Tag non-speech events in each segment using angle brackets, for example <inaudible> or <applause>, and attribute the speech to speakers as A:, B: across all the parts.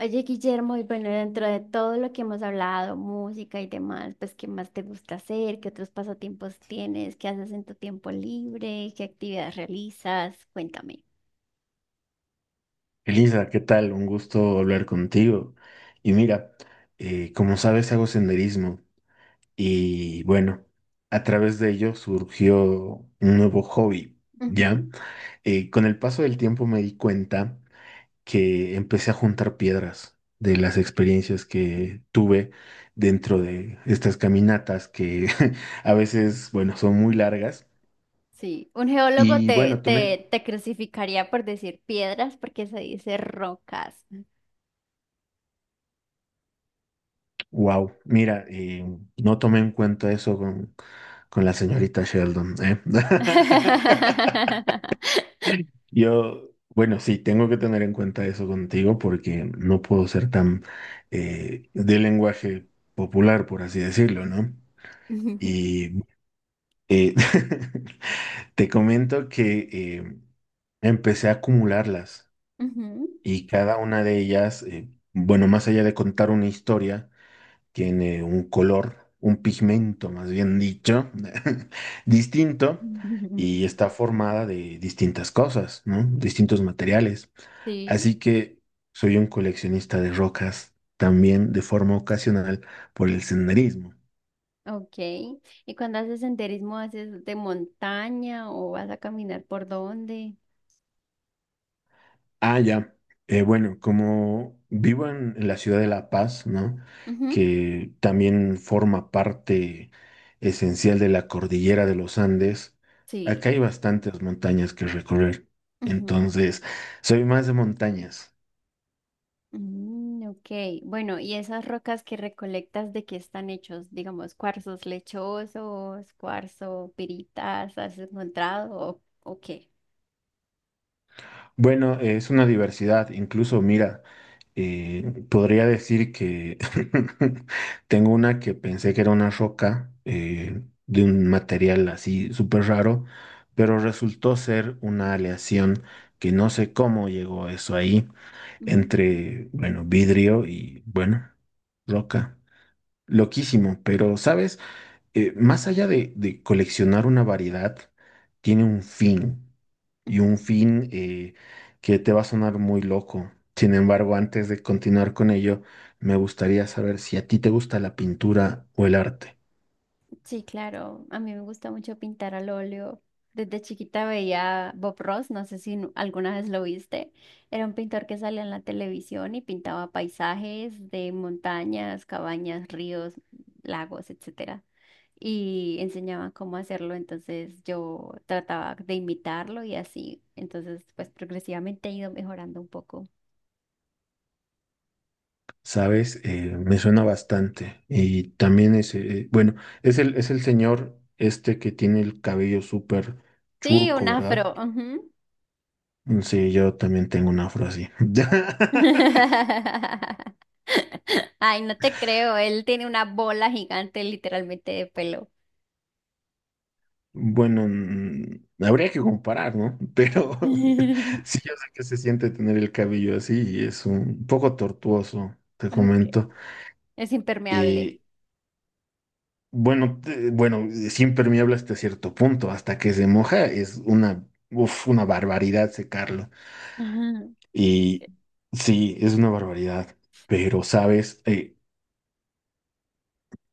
A: Oye, Guillermo, y bueno, dentro de todo lo que hemos hablado, música y demás, pues, ¿qué más te gusta hacer? ¿Qué otros pasatiempos tienes? ¿Qué haces en tu tiempo libre? ¿Qué actividades realizas? Cuéntame.
B: Elisa, ¿qué tal? Un gusto hablar contigo. Y mira, como sabes, hago senderismo y bueno, a través de ello surgió un nuevo hobby, ¿ya?
A: Ujú.
B: Con el paso del tiempo me di cuenta que empecé a juntar piedras de las experiencias que tuve dentro de estas caminatas que <laughs> a veces, bueno, son muy largas.
A: Sí, un geólogo
B: Y
A: te,
B: bueno, tomé en
A: te, te crucificaría por decir piedras porque se dice rocas.
B: Wow, mira, y no tomé en cuenta eso con la señorita Sheldon, ¿eh? <laughs>
A: <laughs>
B: Yo, bueno, sí, tengo que tener en cuenta eso contigo porque no puedo ser tan de lenguaje popular, por así decirlo, ¿no?
A: Ujú.
B: Y eh, <laughs> te comento que empecé a acumularlas y cada una de ellas, bueno, más allá de contar una historia, tiene un color, un pigmento más bien dicho, <laughs> distinto
A: Ujú.
B: y está formada de distintas cosas, ¿no? Distintos materiales.
A: Sí.
B: Así que soy un coleccionista de rocas también de forma ocasional por el senderismo.
A: Ok. ¿Y cuando haces senderismo, haces de montaña o vas a caminar por dónde?
B: Ah, ya. Bueno, como vivo en la ciudad de La Paz, ¿no?
A: Ujú.
B: Que también forma parte esencial de la cordillera de los Andes,
A: Sí.
B: acá hay bastantes montañas que recorrer.
A: Ujú.
B: Entonces, soy más de montañas.
A: Mm, ok, bueno, ¿y esas rocas que recolectas de qué están hechos? Digamos, cuarzos lechosos, cuarzo, piritas, ¿has encontrado o qué?
B: Bueno, es una diversidad. Incluso, mira, podría decir que <laughs> tengo una que pensé que era una roca de un material así súper raro, pero resultó ser una aleación que no sé cómo llegó eso ahí
A: Mm,
B: entre, bueno, vidrio y, bueno, roca. Loquísimo, pero ¿sabes? Más allá de coleccionar una variedad, tiene un fin. Y
A: ujú.
B: un fin que te va a sonar muy loco. Sin embargo, antes de continuar con ello, me gustaría saber si a ti te gusta la pintura o el arte.
A: Sí, claro, a mí me gusta mucho pintar al óleo. Desde chiquita veía Bob Ross, no sé si alguna vez lo viste. Era un pintor que salía en la televisión y pintaba paisajes de montañas, cabañas, ríos, lagos, etcétera. Y enseñaban cómo hacerlo, entonces yo trataba de imitarlo y así, entonces pues progresivamente he ido mejorando un poco.
B: ¿Sabes? Me suena bastante. Y también es, bueno, es es el señor este que tiene el cabello súper
A: Sí, un
B: churco, ¿verdad?
A: afro. Ujú.
B: Mm, sí, yo también tengo un afro así. <laughs>
A: <laughs> Ay, no te creo, él tiene una bola gigante literalmente de pelo.
B: Bueno, mm, habría que comparar, ¿no? Pero <laughs>
A: <laughs>
B: sí, yo sé que se siente tener el cabello así y es un poco tortuoso, te
A: Okay.
B: comento.
A: Es impermeable.
B: Eh, bueno, bueno, es impermeable hasta cierto punto, hasta que se moja es una, uf, una barbaridad secarlo.
A: Ujú,
B: Y sí, es una barbaridad, pero sabes,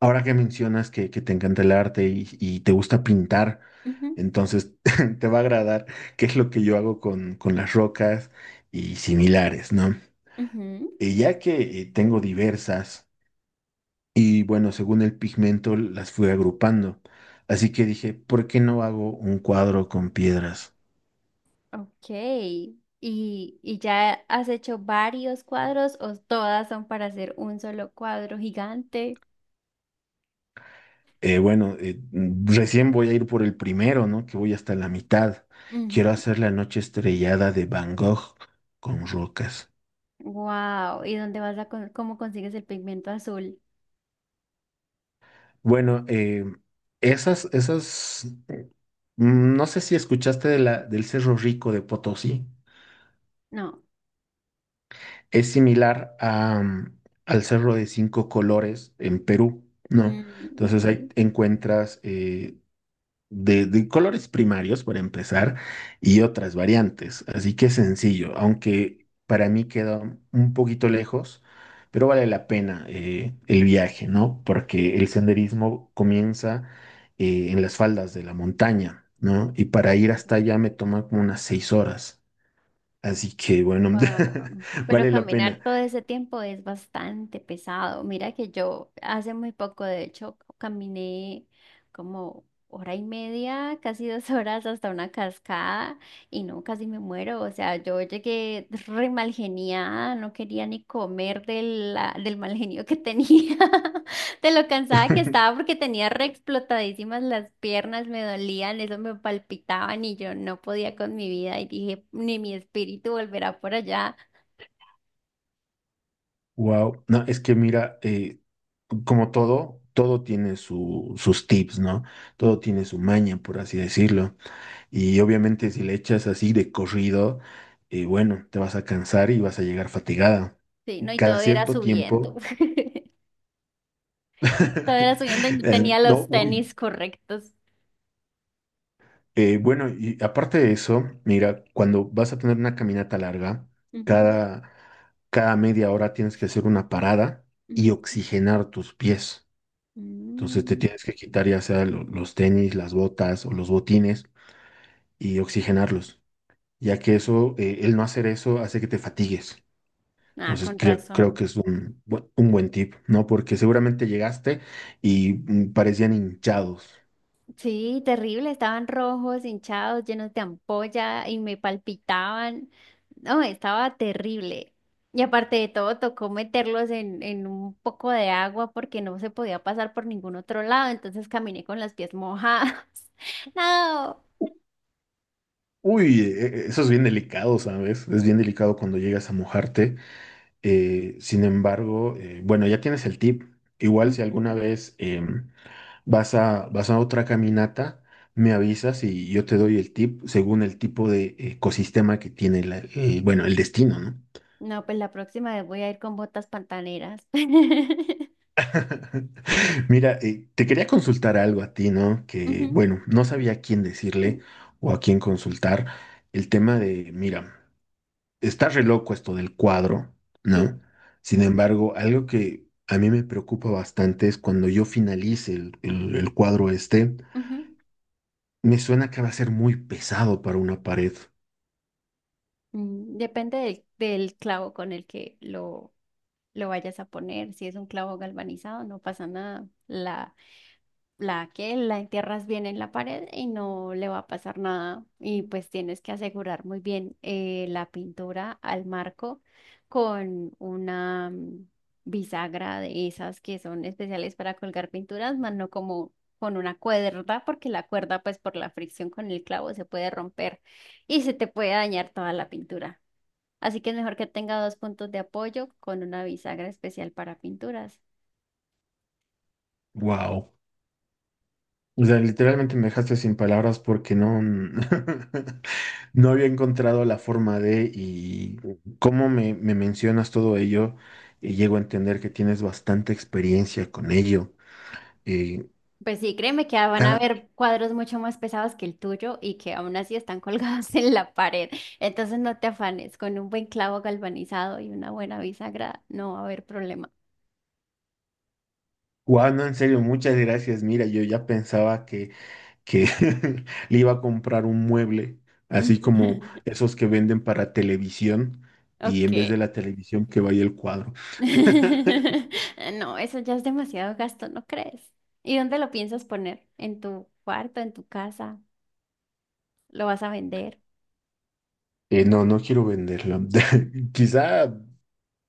B: ahora que mencionas que te encanta el arte y te gusta pintar,
A: ujú,
B: entonces <laughs> te va a agradar qué es lo que yo hago con las rocas y similares, ¿no?
A: ujú.
B: Y ya que tengo diversas y bueno, según el pigmento las fui agrupando. Así que dije, ¿por qué no hago un cuadro con piedras?
A: Ok. Y ya has hecho varios cuadros o todas son para hacer un solo cuadro gigante?
B: Bueno, mm, recién voy a ir por el primero, ¿no? Que voy hasta la mitad. Quiero hacer la noche estrellada de Van Gogh con rocas.
A: Wow. ¿Y dónde vas a cómo consigues el pigmento azul?
B: Bueno, esas, mm, no sé si escuchaste de la, del Cerro Rico de Potosí.
A: No.
B: Es similar a, mm, al Cerro de Cinco Colores en Perú, ¿no?
A: Mm, ok.
B: Entonces ahí encuentras de colores primarios, para empezar, y otras variantes. Así que es sencillo, aunque para mí queda un poquito lejos, pero vale la pena el viaje, ¿no? Porque el senderismo comienza en las faldas de la montaña, ¿no? Y para ir
A: Claro.
B: hasta allá me toma como unas seis horas. Así que bueno,
A: Wow.
B: <laughs>
A: Pero
B: vale la
A: caminar
B: pena.
A: todo ese tiempo es bastante pesado. Mira que yo hace muy poco, de hecho, caminé como hora y media, casi 2 <laughs> horas hasta una cascada y no, casi me muero. O sea, yo llegué re malgeniada, no quería ni comer del mal genio que tenía. <laughs> De lo cansada que estaba
B: <laughs>
A: porque tenía re explotadísimas las piernas, me dolían, eso me palpitaban y yo no podía con mi vida y dije, ni mi espíritu volverá por allá.
B: Wow, no, es que mira, como todo, todo tiene sus tips, ¿no? Todo tiene su
A: Ujú.
B: maña, por así decirlo. Y obviamente si le echas así de corrido, bueno, te vas a cansar y vas a llegar fatigada.
A: Sí, no,
B: Y
A: y
B: cada
A: todo era
B: cierto
A: subiendo.
B: tiempo,
A: <laughs> Todo era subiendo y
B: <laughs>
A: no tenía
B: no,
A: los
B: uy,
A: tenis correctos.
B: bueno, y aparte de eso, mira, cuando vas a tener una caminata larga,
A: Ujú,
B: cada, cada media hora tienes que hacer una parada y
A: ujú.
B: oxigenar tus pies. Entonces te
A: Mm.
B: tienes que quitar ya sea los tenis, las botas o los botines y oxigenarlos, ya que eso, el no hacer eso hace que te fatigues.
A: Ah,
B: Entonces
A: con
B: creo
A: razón.
B: que es un, un buen tip, ¿no? Porque seguramente llegaste y mm, parecían hinchados.
A: Sí, terrible, estaban rojos, hinchados, llenos de ampolla y me palpitaban. No, estaba terrible. Y aparte de todo, tocó meterlos en un poco de agua porque no se podía pasar por ningún otro lado, entonces caminé con las pies mojadas. <laughs> No.
B: Uy, eso es bien delicado, ¿sabes? Es bien delicado cuando llegas a mojarte. Sin embargo, bueno, ya tienes el tip. Igual si alguna
A: Ujú.
B: vez vas a otra caminata, me avisas y yo te doy el tip según el tipo de ecosistema que tiene el, bueno, el destino, ¿no?
A: No, pues la próxima vez voy a ir con botas pantaneras. <laughs>
B: <laughs> Mira, te quería consultar algo a ti, ¿no? Que,
A: Ujú.
B: bueno, no sabía a quién decirle o a quién consultar. El tema de, mira, está re loco esto del cuadro,
A: Sí.
B: ¿no? Sin embargo, algo que a mí me preocupa bastante es cuando yo finalice el cuadro este,
A: Ujú.
B: me suena que va a ser muy pesado para una pared.
A: Mm, depende del clavo con el que lo vayas a poner. Si es un clavo galvanizado, no pasa nada. La que la entierras bien en la pared y no le va a pasar nada. Y pues tienes que asegurar muy bien la pintura al marco con una bisagra de esas que son especiales para colgar pinturas, más no como con una cuerda, porque la cuerda, pues por la fricción con el clavo, se puede romper y se te puede dañar toda la pintura. Así que es mejor que tenga dos puntos de apoyo con una bisagra especial para pinturas.
B: Wow. O sea, literalmente me dejaste sin palabras porque no, <laughs> no había encontrado la forma de y cómo me mencionas todo ello y llego a entender que tienes bastante experiencia con ello. Eh,
A: Pues sí, créeme que van a
B: cada,
A: haber cuadros mucho más pesados que el tuyo y que aún así están colgados <laughs> en la pared. Entonces no te afanes, con un buen clavo galvanizado y una buena bisagra no va a haber problema.
B: wow, no, en serio, muchas gracias. Mira, yo ya pensaba que <laughs> le iba a comprar un mueble, así como
A: <laughs>
B: esos que venden para televisión y en vez
A: Ok.
B: de la televisión que vaya el cuadro.
A: <laughs> No, eso ya es demasiado gasto, ¿no crees? ¿Y dónde lo piensas poner? ¿En tu cuarto, en tu casa? ¿Lo vas a vender?
B: No, no quiero venderlo. <laughs> Quizá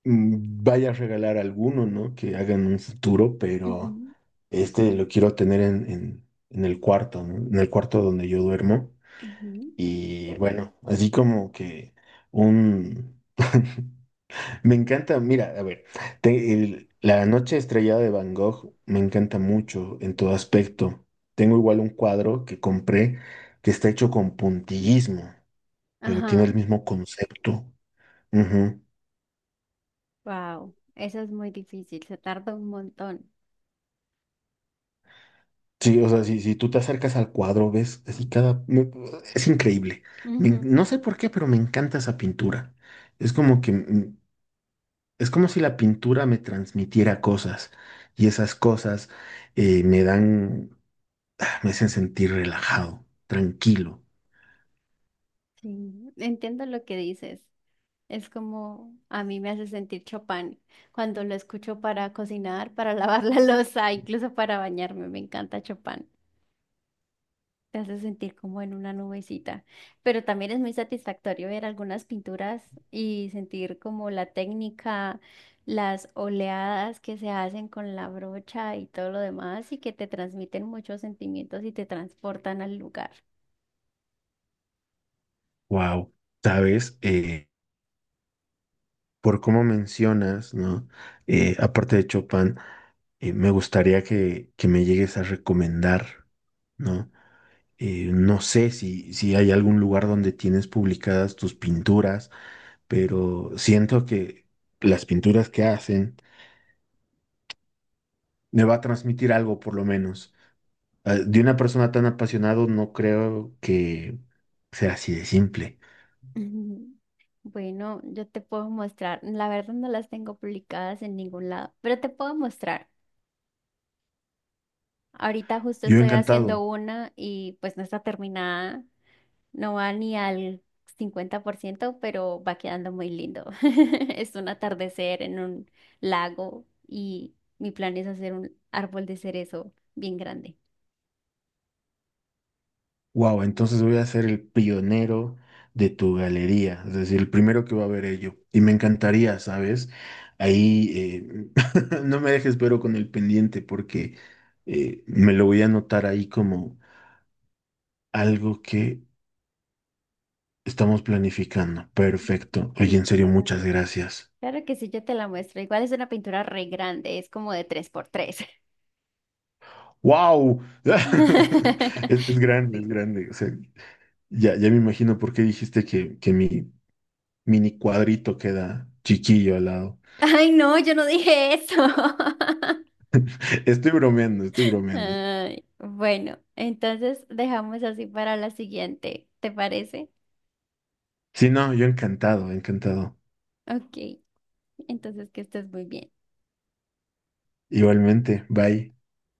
B: mm, vaya a regalar alguno, ¿no? Que hagan un futuro, pero
A: Ujú,
B: este lo quiero tener en el cuarto, ¿no? En el cuarto donde yo duermo.
A: ujú.
B: Y bueno, así como que un... <laughs> Me encanta, mira, a ver, la noche estrellada de Van Gogh me encanta mucho en todo aspecto. Tengo igual un cuadro que compré que está hecho con puntillismo, pero tiene
A: Ajá.
B: el mismo concepto.
A: Wow, eso es muy difícil, se tarda un montón.
B: Sí, o sea, si tú te acercas al cuadro, ves, así cada... es increíble. No
A: Ujú.
B: sé por qué, pero me encanta esa pintura. Es como que... mm, es como si la pintura me transmitiera cosas y esas cosas me dan... ah, me hacen sentir relajado, tranquilo.
A: Sí, entiendo lo que dices. Es como a mí me hace sentir Chopin cuando lo escucho para cocinar, para <laughs> lavar la loza, incluso para bañarme. Me encanta Chopin. Te hace sentir como en una nubecita, pero también es muy satisfactorio ver algunas pinturas y sentir como la técnica, las oleadas que se hacen con la brocha y todo lo demás y que te transmiten muchos sentimientos y te transportan al lugar.
B: Wow. ¿Sabes? Por cómo mencionas, ¿no? Aparte de Chopin, me gustaría que me llegues a recomendar, ¿no? No sé si hay algún lugar donde tienes publicadas tus pinturas, pero siento que las pinturas que hacen me va a transmitir algo, por lo menos. Ah, de una persona tan apasionado, no creo que sea así de simple.
A: Ujú. <laughs> Bueno, yo te puedo mostrar, la verdad no las tengo publicadas en ningún lado, pero te puedo mostrar. Ahorita justo
B: Yo
A: estoy haciendo
B: encantado.
A: una y pues no está terminada. No va ni al 50% pero va quedando muy lindo. <laughs> Es un atardecer en un lago y mi plan es hacer un árbol de cerezo bien grande.
B: Wow, entonces voy a ser el pionero de tu galería, es decir, el primero que va a ver ello. Y me encantaría, ¿sabes? Ahí <laughs> no me dejes pero con el pendiente porque me lo voy a anotar ahí como algo que estamos planificando. Perfecto. Oye, en
A: Listo.
B: serio, muchas
A: Claro,
B: gracias.
A: claro que sí, yo te la muestro. Igual es una pintura re grande, es como de tres por tres.
B: ¡Wow! <laughs>
A: <laughs>
B: Es grande, es
A: Sí.
B: grande. O sea, ya me imagino por qué dijiste que mi mini cuadrito queda chiquillo al lado.
A: Ay, no, yo no dije eso. <laughs>
B: Estoy bromeando, estoy bromeando.
A: Ay, bueno, entonces dejamos así para la siguiente, ¿te parece?
B: Sí, no, yo encantado, encantado.
A: Ok, entonces que estés muy bien.
B: Igualmente, bye.